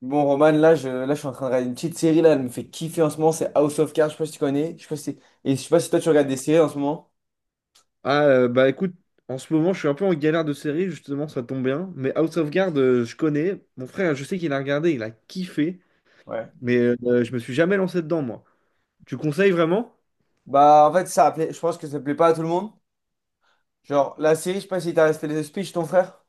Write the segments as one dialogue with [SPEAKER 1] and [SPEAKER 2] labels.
[SPEAKER 1] Bon, Roman, là je suis en train de regarder une petite série, là, elle me fait kiffer en ce moment, c'est House of Cards, je sais pas si tu connais, je sais pas si... et je sais pas si toi tu regardes des séries en ce moment.
[SPEAKER 2] Bah écoute, en ce moment, je suis un peu en galère de série, justement, ça tombe bien. Mais House of Cards, je connais. Mon frère, je sais qu'il a regardé, il a kiffé.
[SPEAKER 1] Ouais.
[SPEAKER 2] Mais je me suis jamais lancé dedans, moi. Tu conseilles vraiment?
[SPEAKER 1] Bah, en fait, ça plaît, je pense que ça plaît pas à tout le monde. Genre, la série, je sais pas si t'as resté les speeches, ton frère.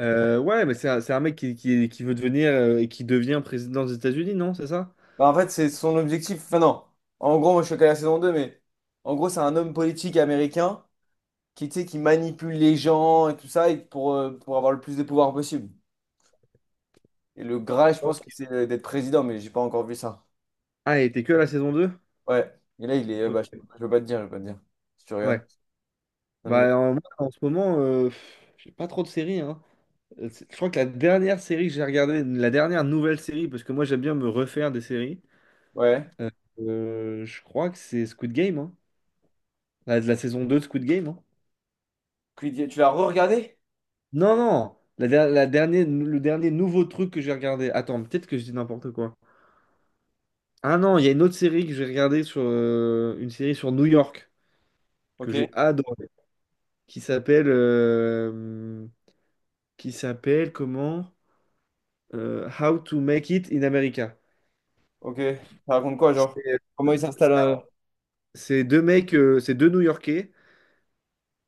[SPEAKER 2] Ouais, mais c'est un mec qui veut devenir et qui devient président des États-Unis, non? C'est ça?
[SPEAKER 1] Bah, en fait, c'est son objectif, enfin non, en gros, moi je suis qu'à la saison 2 mais en gros, c'est un homme politique américain qui, tu sais, qui manipule les gens et tout ça et pour avoir le plus de pouvoir possible. Et le Graal, je
[SPEAKER 2] Ouais.
[SPEAKER 1] pense que c'est d'être président, mais j'ai pas encore vu ça.
[SPEAKER 2] Ah, et t'es que à la saison deux.
[SPEAKER 1] Ouais, et là, il est, bah, je
[SPEAKER 2] Ouais.
[SPEAKER 1] je peux pas te dire, si tu
[SPEAKER 2] Ouais.
[SPEAKER 1] regardes. Non,
[SPEAKER 2] Bah, en, moi, en ce moment, j'ai pas trop de séries, hein. Je crois que la dernière série que j'ai regardée, la dernière nouvelle série, parce que moi, j'aime bien me refaire des séries.
[SPEAKER 1] Ouais.
[SPEAKER 2] Euh, je crois que c'est Squid Game, hein. La saison 2 de Squid Game, hein.
[SPEAKER 1] Creed, tu l'as re-regardé?
[SPEAKER 2] Non, non, la dernière, le dernier nouveau truc que j'ai regardé. Attends, peut-être que je dis n'importe quoi. Ah non, il y a une autre série que j'ai regardée sur une série sur New York que
[SPEAKER 1] Ok.
[SPEAKER 2] j'ai adorée, qui s'appelle euh, qui s'appelle comment? How to Make It in America.
[SPEAKER 1] Ok. Ça raconte quoi, genre?
[SPEAKER 2] C'est
[SPEAKER 1] Comment il s'installe
[SPEAKER 2] c'est deux mecs, c'est deux New-Yorkais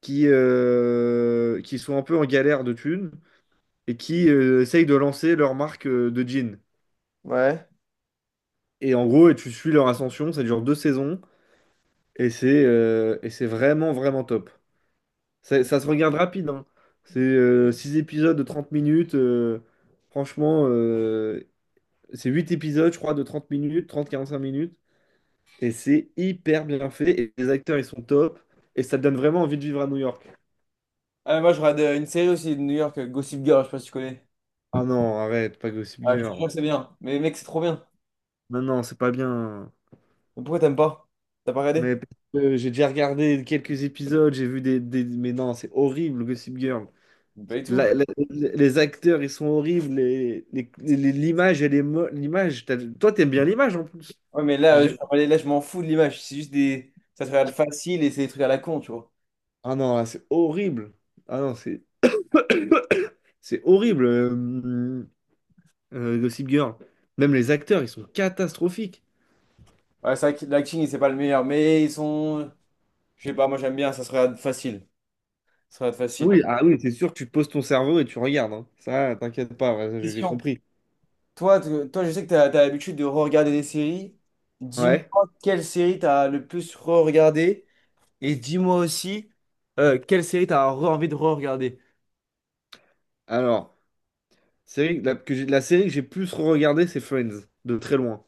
[SPEAKER 2] qui qui sont un peu en galère de thunes et qui essayent de lancer leur marque de jeans.
[SPEAKER 1] Ouais.
[SPEAKER 2] Et en gros, et tu suis leur ascension, ça dure deux saisons, et c'est vraiment, vraiment top. Ça se regarde rapide, hein. C'est Six épisodes de 30 minutes. Franchement, euh, c'est huit épisodes, je crois, de 30 minutes, trente quarante-cinq minutes. Et c'est hyper bien fait, et les acteurs, ils sont top, et ça te donne vraiment envie de vivre à New York.
[SPEAKER 1] Ah, mais moi, je regarde une série aussi de New York, Gossip Girl, je sais pas si tu connais.
[SPEAKER 2] Ah non, arrête, pas Gossip
[SPEAKER 1] Ah, je te jure
[SPEAKER 2] Girl.
[SPEAKER 1] que c'est bien. Mais mec, c'est trop bien.
[SPEAKER 2] Non, non, c'est pas bien.
[SPEAKER 1] Mais pourquoi t'aimes pas? T'as pas regardé?
[SPEAKER 2] Mais parce que j'ai déjà regardé quelques épisodes, j'ai vu des- Mais non, c'est horrible, Gossip Girl.
[SPEAKER 1] Pas du tout.
[SPEAKER 2] La- la- les acteurs, ils sont horribles. L'image, l'image, toi, t'aimes bien l'image en plus.
[SPEAKER 1] Ouais, mais là,
[SPEAKER 2] J'ai jamais-
[SPEAKER 1] je m'en fous de l'image. C'est juste des. Ça se regarde facile et c'est des trucs à la con, tu vois.
[SPEAKER 2] Ah non, là, c'est horrible. Ah non, c'est c'est horrible, Gossip Girl. Même les acteurs, ils sont catastrophiques.
[SPEAKER 1] Ouais, c'est vrai que l'acting, c'est pas le meilleur, mais ils sont. Je sais pas, moi, j'aime bien, ça se regarde facile. Ça se regarde facile.
[SPEAKER 2] Oui, ah oui, c'est sûr, tu poses ton cerveau et tu regardes. Hein. Ça, t'inquiète pas, ouais, j'ai
[SPEAKER 1] Question.
[SPEAKER 2] compris.
[SPEAKER 1] Toi, toi, je sais que tu as, l'habitude de re-regarder des séries. Dis-moi
[SPEAKER 2] Ouais.
[SPEAKER 1] quelle série t'as le plus re-regardé et dis-moi aussi quelle série t'as as envie de re-regarder.
[SPEAKER 2] Alors. Série, la, que j'ai- La série que j'ai plus regardée, c'est Friends, de très loin.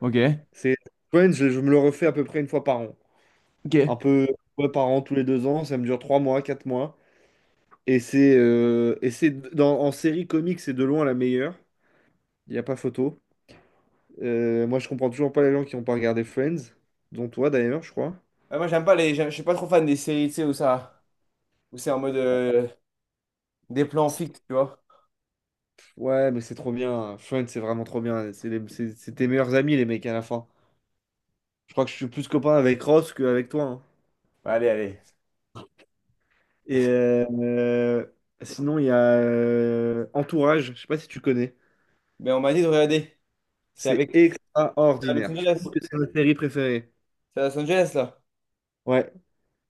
[SPEAKER 1] Ok,
[SPEAKER 2] C'est Friends, je me le refais à peu près une fois par an.
[SPEAKER 1] ok.
[SPEAKER 2] Un
[SPEAKER 1] Ouais,
[SPEAKER 2] peu ouais, par an, tous les deux ans, ça me dure trois mois, quatre mois. Et c'est en série comique, c'est de loin la meilleure. Il n'y a pas photo. Moi, je comprends toujours pas les gens qui n'ont pas regardé Friends, dont toi d'ailleurs, je crois.
[SPEAKER 1] moi, j'aime pas les, je suis pas trop fan des séries, tu sais, où ça, où c'est en mode des plans
[SPEAKER 2] C'est-
[SPEAKER 1] fixes, tu vois.
[SPEAKER 2] Ouais, mais c'est trop bien. Friends, c'est vraiment trop bien. C'est tes meilleurs amis, les mecs, à la fin. Je crois que je suis plus copain avec Ross qu'avec toi. Hein.
[SPEAKER 1] Bah, allez, allez.
[SPEAKER 2] Et sinon, il y a Entourage, je sais pas si tu connais.
[SPEAKER 1] Mais on m'a dit de regarder. C'est
[SPEAKER 2] C'est
[SPEAKER 1] avec c'est à Los
[SPEAKER 2] extraordinaire. Je pense
[SPEAKER 1] Angeles.
[SPEAKER 2] que c'est ma série préférée.
[SPEAKER 1] C'est à Los Angeles, là.
[SPEAKER 2] Ouais,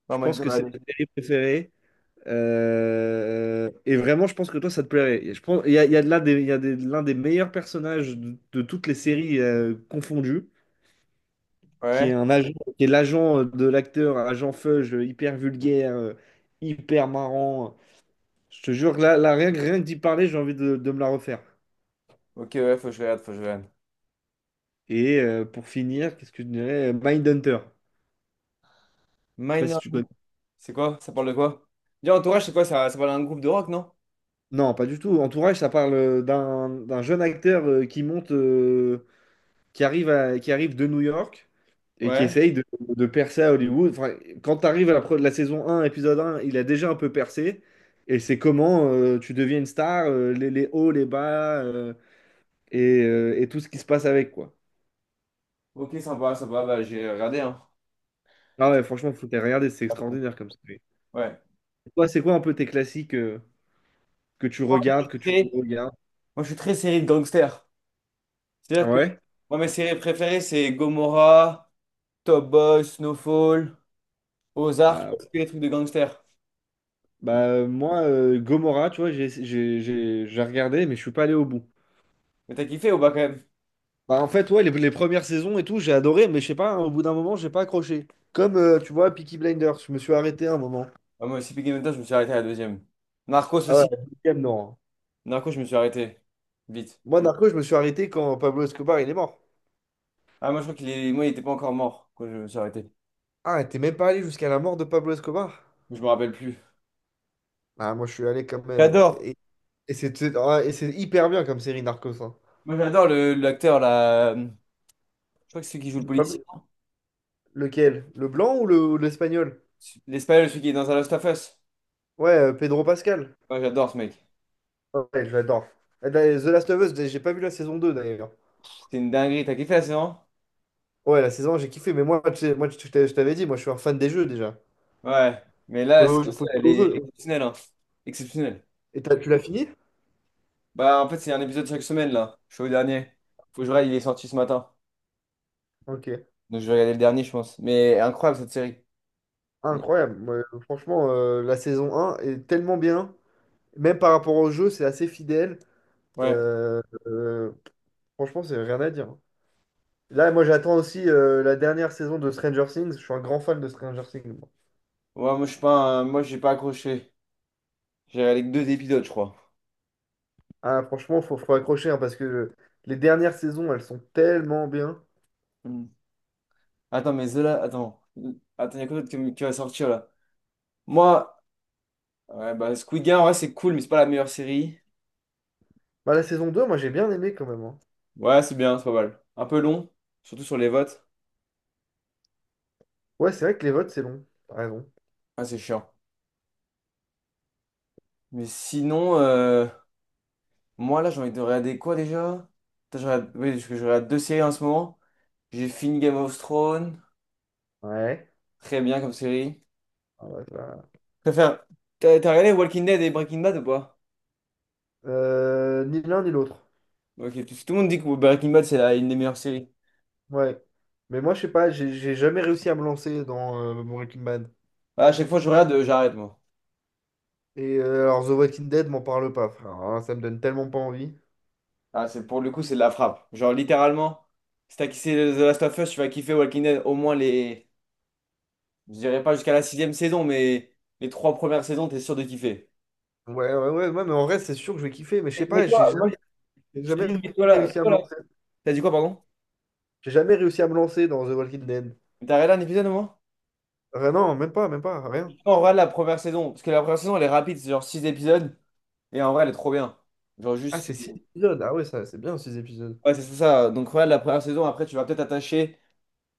[SPEAKER 1] Ouais, on
[SPEAKER 2] je
[SPEAKER 1] m'a dit
[SPEAKER 2] pense
[SPEAKER 1] de
[SPEAKER 2] que c'est
[SPEAKER 1] regarder.
[SPEAKER 2] ma série préférée. Et vraiment, je pense que toi, ça te plairait. Et je pense, il y a de là des, il y a des- l'un des meilleurs personnages de toutes les séries confondues, qui est
[SPEAKER 1] Ouais.
[SPEAKER 2] un agent, qui est l'agent de l'acteur, agent Feuge, hyper vulgaire, hyper marrant. Je te jure que rien, rien que d'y parler, j'ai envie de me la refaire.
[SPEAKER 1] Ok, ouais, faut que je regarde, faut que je regarde.
[SPEAKER 2] Et pour finir, qu'est-ce que je dirais? Mindhunter. Je sais pas si
[SPEAKER 1] Minor.
[SPEAKER 2] tu connais.
[SPEAKER 1] C'est quoi? Ça parle de quoi? Déjà, Entourage, c'est quoi? Ça parle d'un groupe de rock, non?
[SPEAKER 2] Non, pas du tout. Entourage, ça parle d'un jeune acteur qui monte, qui arrive de New York et qui
[SPEAKER 1] Ouais.
[SPEAKER 2] essaye de percer à Hollywood. Enfin, quand tu arrives à la, la saison un, épisode un, il a déjà un peu percé. Et c'est comment tu deviens une star, les hauts, les bas et tout ce qui se passe avec, quoi.
[SPEAKER 1] Ok, sympa, sympa. Bah, j'ai regardé, hein.
[SPEAKER 2] Ah ouais, franchement, faut les regarder, c'est extraordinaire comme ça.
[SPEAKER 1] Ouais.
[SPEAKER 2] Toi, c'est quoi un peu tes classiques
[SPEAKER 1] Moi, je suis
[SPEAKER 2] que tu
[SPEAKER 1] très,
[SPEAKER 2] regardes?
[SPEAKER 1] Moi, je suis très série de gangsters.
[SPEAKER 2] Ah
[SPEAKER 1] C'est-à-dire que
[SPEAKER 2] ouais?
[SPEAKER 1] moi, mes séries préférées, c'est Gomorrah, Top Boy, Snowfall, Ozark,
[SPEAKER 2] Bah,
[SPEAKER 1] tous les trucs de gangsters.
[SPEAKER 2] bah, moi, Gomorrah, tu vois, j'ai regardé, mais je suis pas allé au bout.
[SPEAKER 1] Mais t'as kiffé ou pas quand même?
[SPEAKER 2] Bah, en fait, ouais, les premières saisons et tout, j'ai adoré, mais je sais pas, hein, au bout d'un moment, j'ai pas accroché. Comme, tu vois, Peaky Blinders, je me suis arrêté un moment.
[SPEAKER 1] Ah, moi aussi, Peaky Blinders, je me suis arrêté à la deuxième. Narcos
[SPEAKER 2] Ah ouais,
[SPEAKER 1] aussi.
[SPEAKER 2] la deuxième, non. Hein.
[SPEAKER 1] Narcos, je me suis arrêté. Vite.
[SPEAKER 2] Moi, Narco, je me suis arrêté quand Pablo Escobar, il est mort.
[SPEAKER 1] Ah, moi, je crois qu'il est. Moi, il était pas encore mort quand je me suis arrêté.
[SPEAKER 2] Ah, t'es même pas allé jusqu'à la mort de Pablo Escobar?
[SPEAKER 1] Je me rappelle plus.
[SPEAKER 2] Ah, moi, je suis allé quand même.
[SPEAKER 1] J'adore.
[SPEAKER 2] Et c'est hyper bien comme série, Narcos. Hein.
[SPEAKER 1] Moi, j'adore l'acteur, là. Je crois que c'est celui qui joue le policier.
[SPEAKER 2] Pablo- Lequel? Le blanc ou ou l'espagnol?
[SPEAKER 1] L'Espagnol, celui qui est dans The Last of Us.
[SPEAKER 2] Ouais, Pedro Pascal.
[SPEAKER 1] Moi, j'adore ce mec.
[SPEAKER 2] Ouais, j'adore. Et The Last of Us, j'ai pas vu la saison 2 d'ailleurs.
[SPEAKER 1] C'est une dinguerie. T'as kiffé la saison?
[SPEAKER 2] Ouais, la saison 1, j'ai kiffé, mais moi, moi je t'avais dit, moi je suis un fan des jeux déjà.
[SPEAKER 1] Ouais. Mais là, la
[SPEAKER 2] Faut,
[SPEAKER 1] saison,
[SPEAKER 2] Faut
[SPEAKER 1] elle
[SPEAKER 2] jouer au
[SPEAKER 1] est
[SPEAKER 2] jeu.
[SPEAKER 1] exceptionnelle, hein. Exceptionnelle.
[SPEAKER 2] Et tu l'as fini?
[SPEAKER 1] Bah, en fait, c'est un épisode chaque semaine, là. Je suis au dernier. Faut que je regarde, il est sorti ce matin.
[SPEAKER 2] Ok.
[SPEAKER 1] Donc, je vais regarder le dernier, je pense. Mais incroyable, cette série. Ouais.
[SPEAKER 2] Incroyable. Moi, franchement, la saison un est tellement bien. Même par rapport au jeu, c'est assez fidèle.
[SPEAKER 1] Ouais,
[SPEAKER 2] Euh, euh, Franchement, c'est rien à dire. Là, moi j'attends aussi la dernière saison de Stranger Things. Je suis un grand fan de Stranger Things. Moi.
[SPEAKER 1] moi, je suis pas moi, j'ai pas accroché. J'ai regardé que deux épisodes, je crois.
[SPEAKER 2] Ah, franchement, faut accrocher hein, parce que les dernières saisons, elles sont tellement bien.
[SPEAKER 1] Hmm. Attends, mais Zola, attends. Attends, il y a quoi d'autre qui va sortir, là? Moi, ouais, bah, Squid Game, ouais, c'est cool, mais c'est pas la meilleure série.
[SPEAKER 2] Bah, la saison 2 moi j'ai bien aimé quand même. Hein.
[SPEAKER 1] Ouais, c'est bien, c'est pas mal. Un peu long, surtout sur les votes.
[SPEAKER 2] Ouais, c'est vrai que les votes, c'est long. T'as raison.
[SPEAKER 1] Ah, c'est chiant. Mais sinon, moi, là, j'ai envie de regarder quoi déjà? Putain, je regarde. Oui, parce que je regarde deux séries en ce moment. J'ai fini Game of Thrones.
[SPEAKER 2] Ouais.
[SPEAKER 1] Très bien comme série.
[SPEAKER 2] Ah bah, ça-
[SPEAKER 1] Je préfère. T'as regardé Walking Dead et Breaking Bad ou pas?
[SPEAKER 2] Ni l'un ni l'autre.
[SPEAKER 1] Ok, tout le monde dit que Breaking Bad, c'est une des meilleures séries.
[SPEAKER 2] Ouais. Mais moi, je sais pas, j'ai jamais réussi à me lancer dans Breaking Bad.
[SPEAKER 1] Ah, à chaque fois que je regarde, j'arrête, moi.
[SPEAKER 2] Et The Walking Dead, m'en parle pas, frère. Alors là, ça me donne tellement pas envie.
[SPEAKER 1] Ah, c'est, pour le coup, c'est de la frappe. Genre, littéralement, si t'as kiffé The Last of Us, tu vas kiffer Walking Dead au moins les. Je dirais pas jusqu'à la sixième saison, mais les trois premières saisons, t'es sûr de kiffer.
[SPEAKER 2] Ouais, mais en vrai, c'est sûr que je vais kiffer. Mais je
[SPEAKER 1] Mais
[SPEAKER 2] sais
[SPEAKER 1] mais
[SPEAKER 2] pas,
[SPEAKER 1] toi, moi,
[SPEAKER 2] j'ai
[SPEAKER 1] je te
[SPEAKER 2] jamais
[SPEAKER 1] dis, mets-toi là.
[SPEAKER 2] réussi à
[SPEAKER 1] Mets-toi
[SPEAKER 2] me
[SPEAKER 1] là.
[SPEAKER 2] lancer.
[SPEAKER 1] T'as dit quoi, pardon?
[SPEAKER 2] J'ai jamais réussi à me lancer dans The Walking Dead.
[SPEAKER 1] T'as regardé un épisode au moins?
[SPEAKER 2] Ah non, même pas, rien.
[SPEAKER 1] En vrai, la première saison, parce que la première saison, elle est rapide, c'est genre 6 épisodes, et en vrai, elle est trop bien. Genre
[SPEAKER 2] Ah,
[SPEAKER 1] juste.
[SPEAKER 2] c'est 6 épisodes. Ah ouais, ça, c'est bien, 6 épisodes.
[SPEAKER 1] Ouais, c'est ça. Donc regarde la première saison, après, tu vas peut-être t'attacher,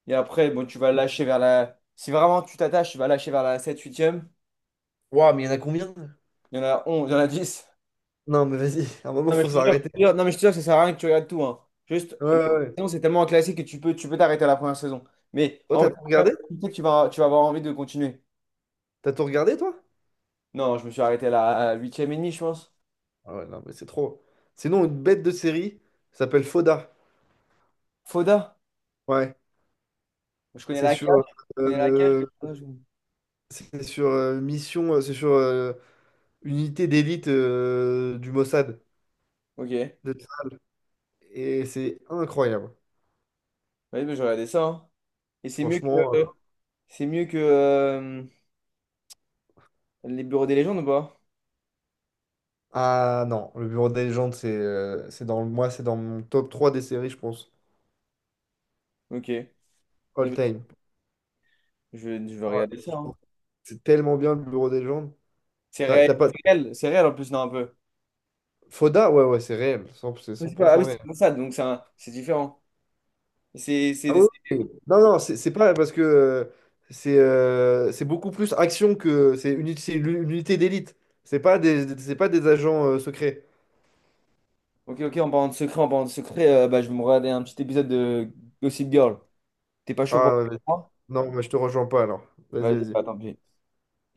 [SPEAKER 1] et après, bon, tu vas lâcher vers la. Si vraiment tu t'attaches, tu vas lâcher vers la 7e huitième.
[SPEAKER 2] Waouh, mais il y en a combien?
[SPEAKER 1] Il y en a 11 il y en a dix.
[SPEAKER 2] Non, mais vas-y, à un moment,
[SPEAKER 1] Non, mais je
[SPEAKER 2] faut
[SPEAKER 1] te jure,
[SPEAKER 2] s'arrêter.
[SPEAKER 1] non, mais je te jure que ça sert à rien que tu regardes tout, hein. Juste,
[SPEAKER 2] Ouais,
[SPEAKER 1] la première
[SPEAKER 2] ouais. ouais.
[SPEAKER 1] saison, c'est tellement un classique que tu peux t'arrêter à la première saison. Mais
[SPEAKER 2] Toi,
[SPEAKER 1] en vrai,
[SPEAKER 2] t'as tout regardé?
[SPEAKER 1] tu sais que tu vas avoir envie de continuer.
[SPEAKER 2] T'as tout regardé, toi?
[SPEAKER 1] Non, je me suis arrêté à la 8e et demie, je pense.
[SPEAKER 2] Ah ouais, non, mais c'est trop. Sinon, une bête de série ça s'appelle Foda.
[SPEAKER 1] Foda,
[SPEAKER 2] Ouais,
[SPEAKER 1] je connais
[SPEAKER 2] c'est
[SPEAKER 1] la cage,
[SPEAKER 2] sur,
[SPEAKER 1] je connais la cage.
[SPEAKER 2] euh, c'est sur unité d'élite du Mossad
[SPEAKER 1] Ok.
[SPEAKER 2] de Tsar. Et c'est incroyable.
[SPEAKER 1] Ouais, bah, je regardais ça, hein. Et c'est mieux
[SPEAKER 2] Franchement, euh,
[SPEAKER 1] que c'est mieux que les bureaux des légendes ou pas?
[SPEAKER 2] ah non, le Bureau des légendes, c'est c'est dans mon top 3 des séries, je pense,
[SPEAKER 1] Ok. Eh
[SPEAKER 2] all
[SPEAKER 1] ben,
[SPEAKER 2] time.
[SPEAKER 1] je vais
[SPEAKER 2] Ah ouais,
[SPEAKER 1] regarder ça, hein.
[SPEAKER 2] franchement, c'est tellement bien le Bureau des légendes.
[SPEAKER 1] C'est
[SPEAKER 2] T'as
[SPEAKER 1] réel,
[SPEAKER 2] t'as pas
[SPEAKER 1] c'est réel, c'est réel en plus, non, un peu.
[SPEAKER 2] Foda, ouais ouais, c'est réel, 100 c'est
[SPEAKER 1] Je
[SPEAKER 2] cent
[SPEAKER 1] sais
[SPEAKER 2] pour
[SPEAKER 1] pas, ah
[SPEAKER 2] cent
[SPEAKER 1] oui, c'est
[SPEAKER 2] réel.
[SPEAKER 1] comme ça, donc c'est différent. C'est
[SPEAKER 2] Ah
[SPEAKER 1] c'est-
[SPEAKER 2] oui,
[SPEAKER 1] c'est-
[SPEAKER 2] oui. Non, non, c'est pas parce que c'est beaucoup plus action que c'est une unité d'élite. C'est pas des agents secrets.
[SPEAKER 1] Ok, ok, en parlant de secret, bah, je vais me regarder un petit épisode de Gossip Girl. T'es pas chaud pour
[SPEAKER 2] Ah, mais-
[SPEAKER 1] moi?
[SPEAKER 2] non, mais je te rejoins pas alors. Vas-y,
[SPEAKER 1] Vas-y, bah
[SPEAKER 2] vas-y.
[SPEAKER 1] tant pis.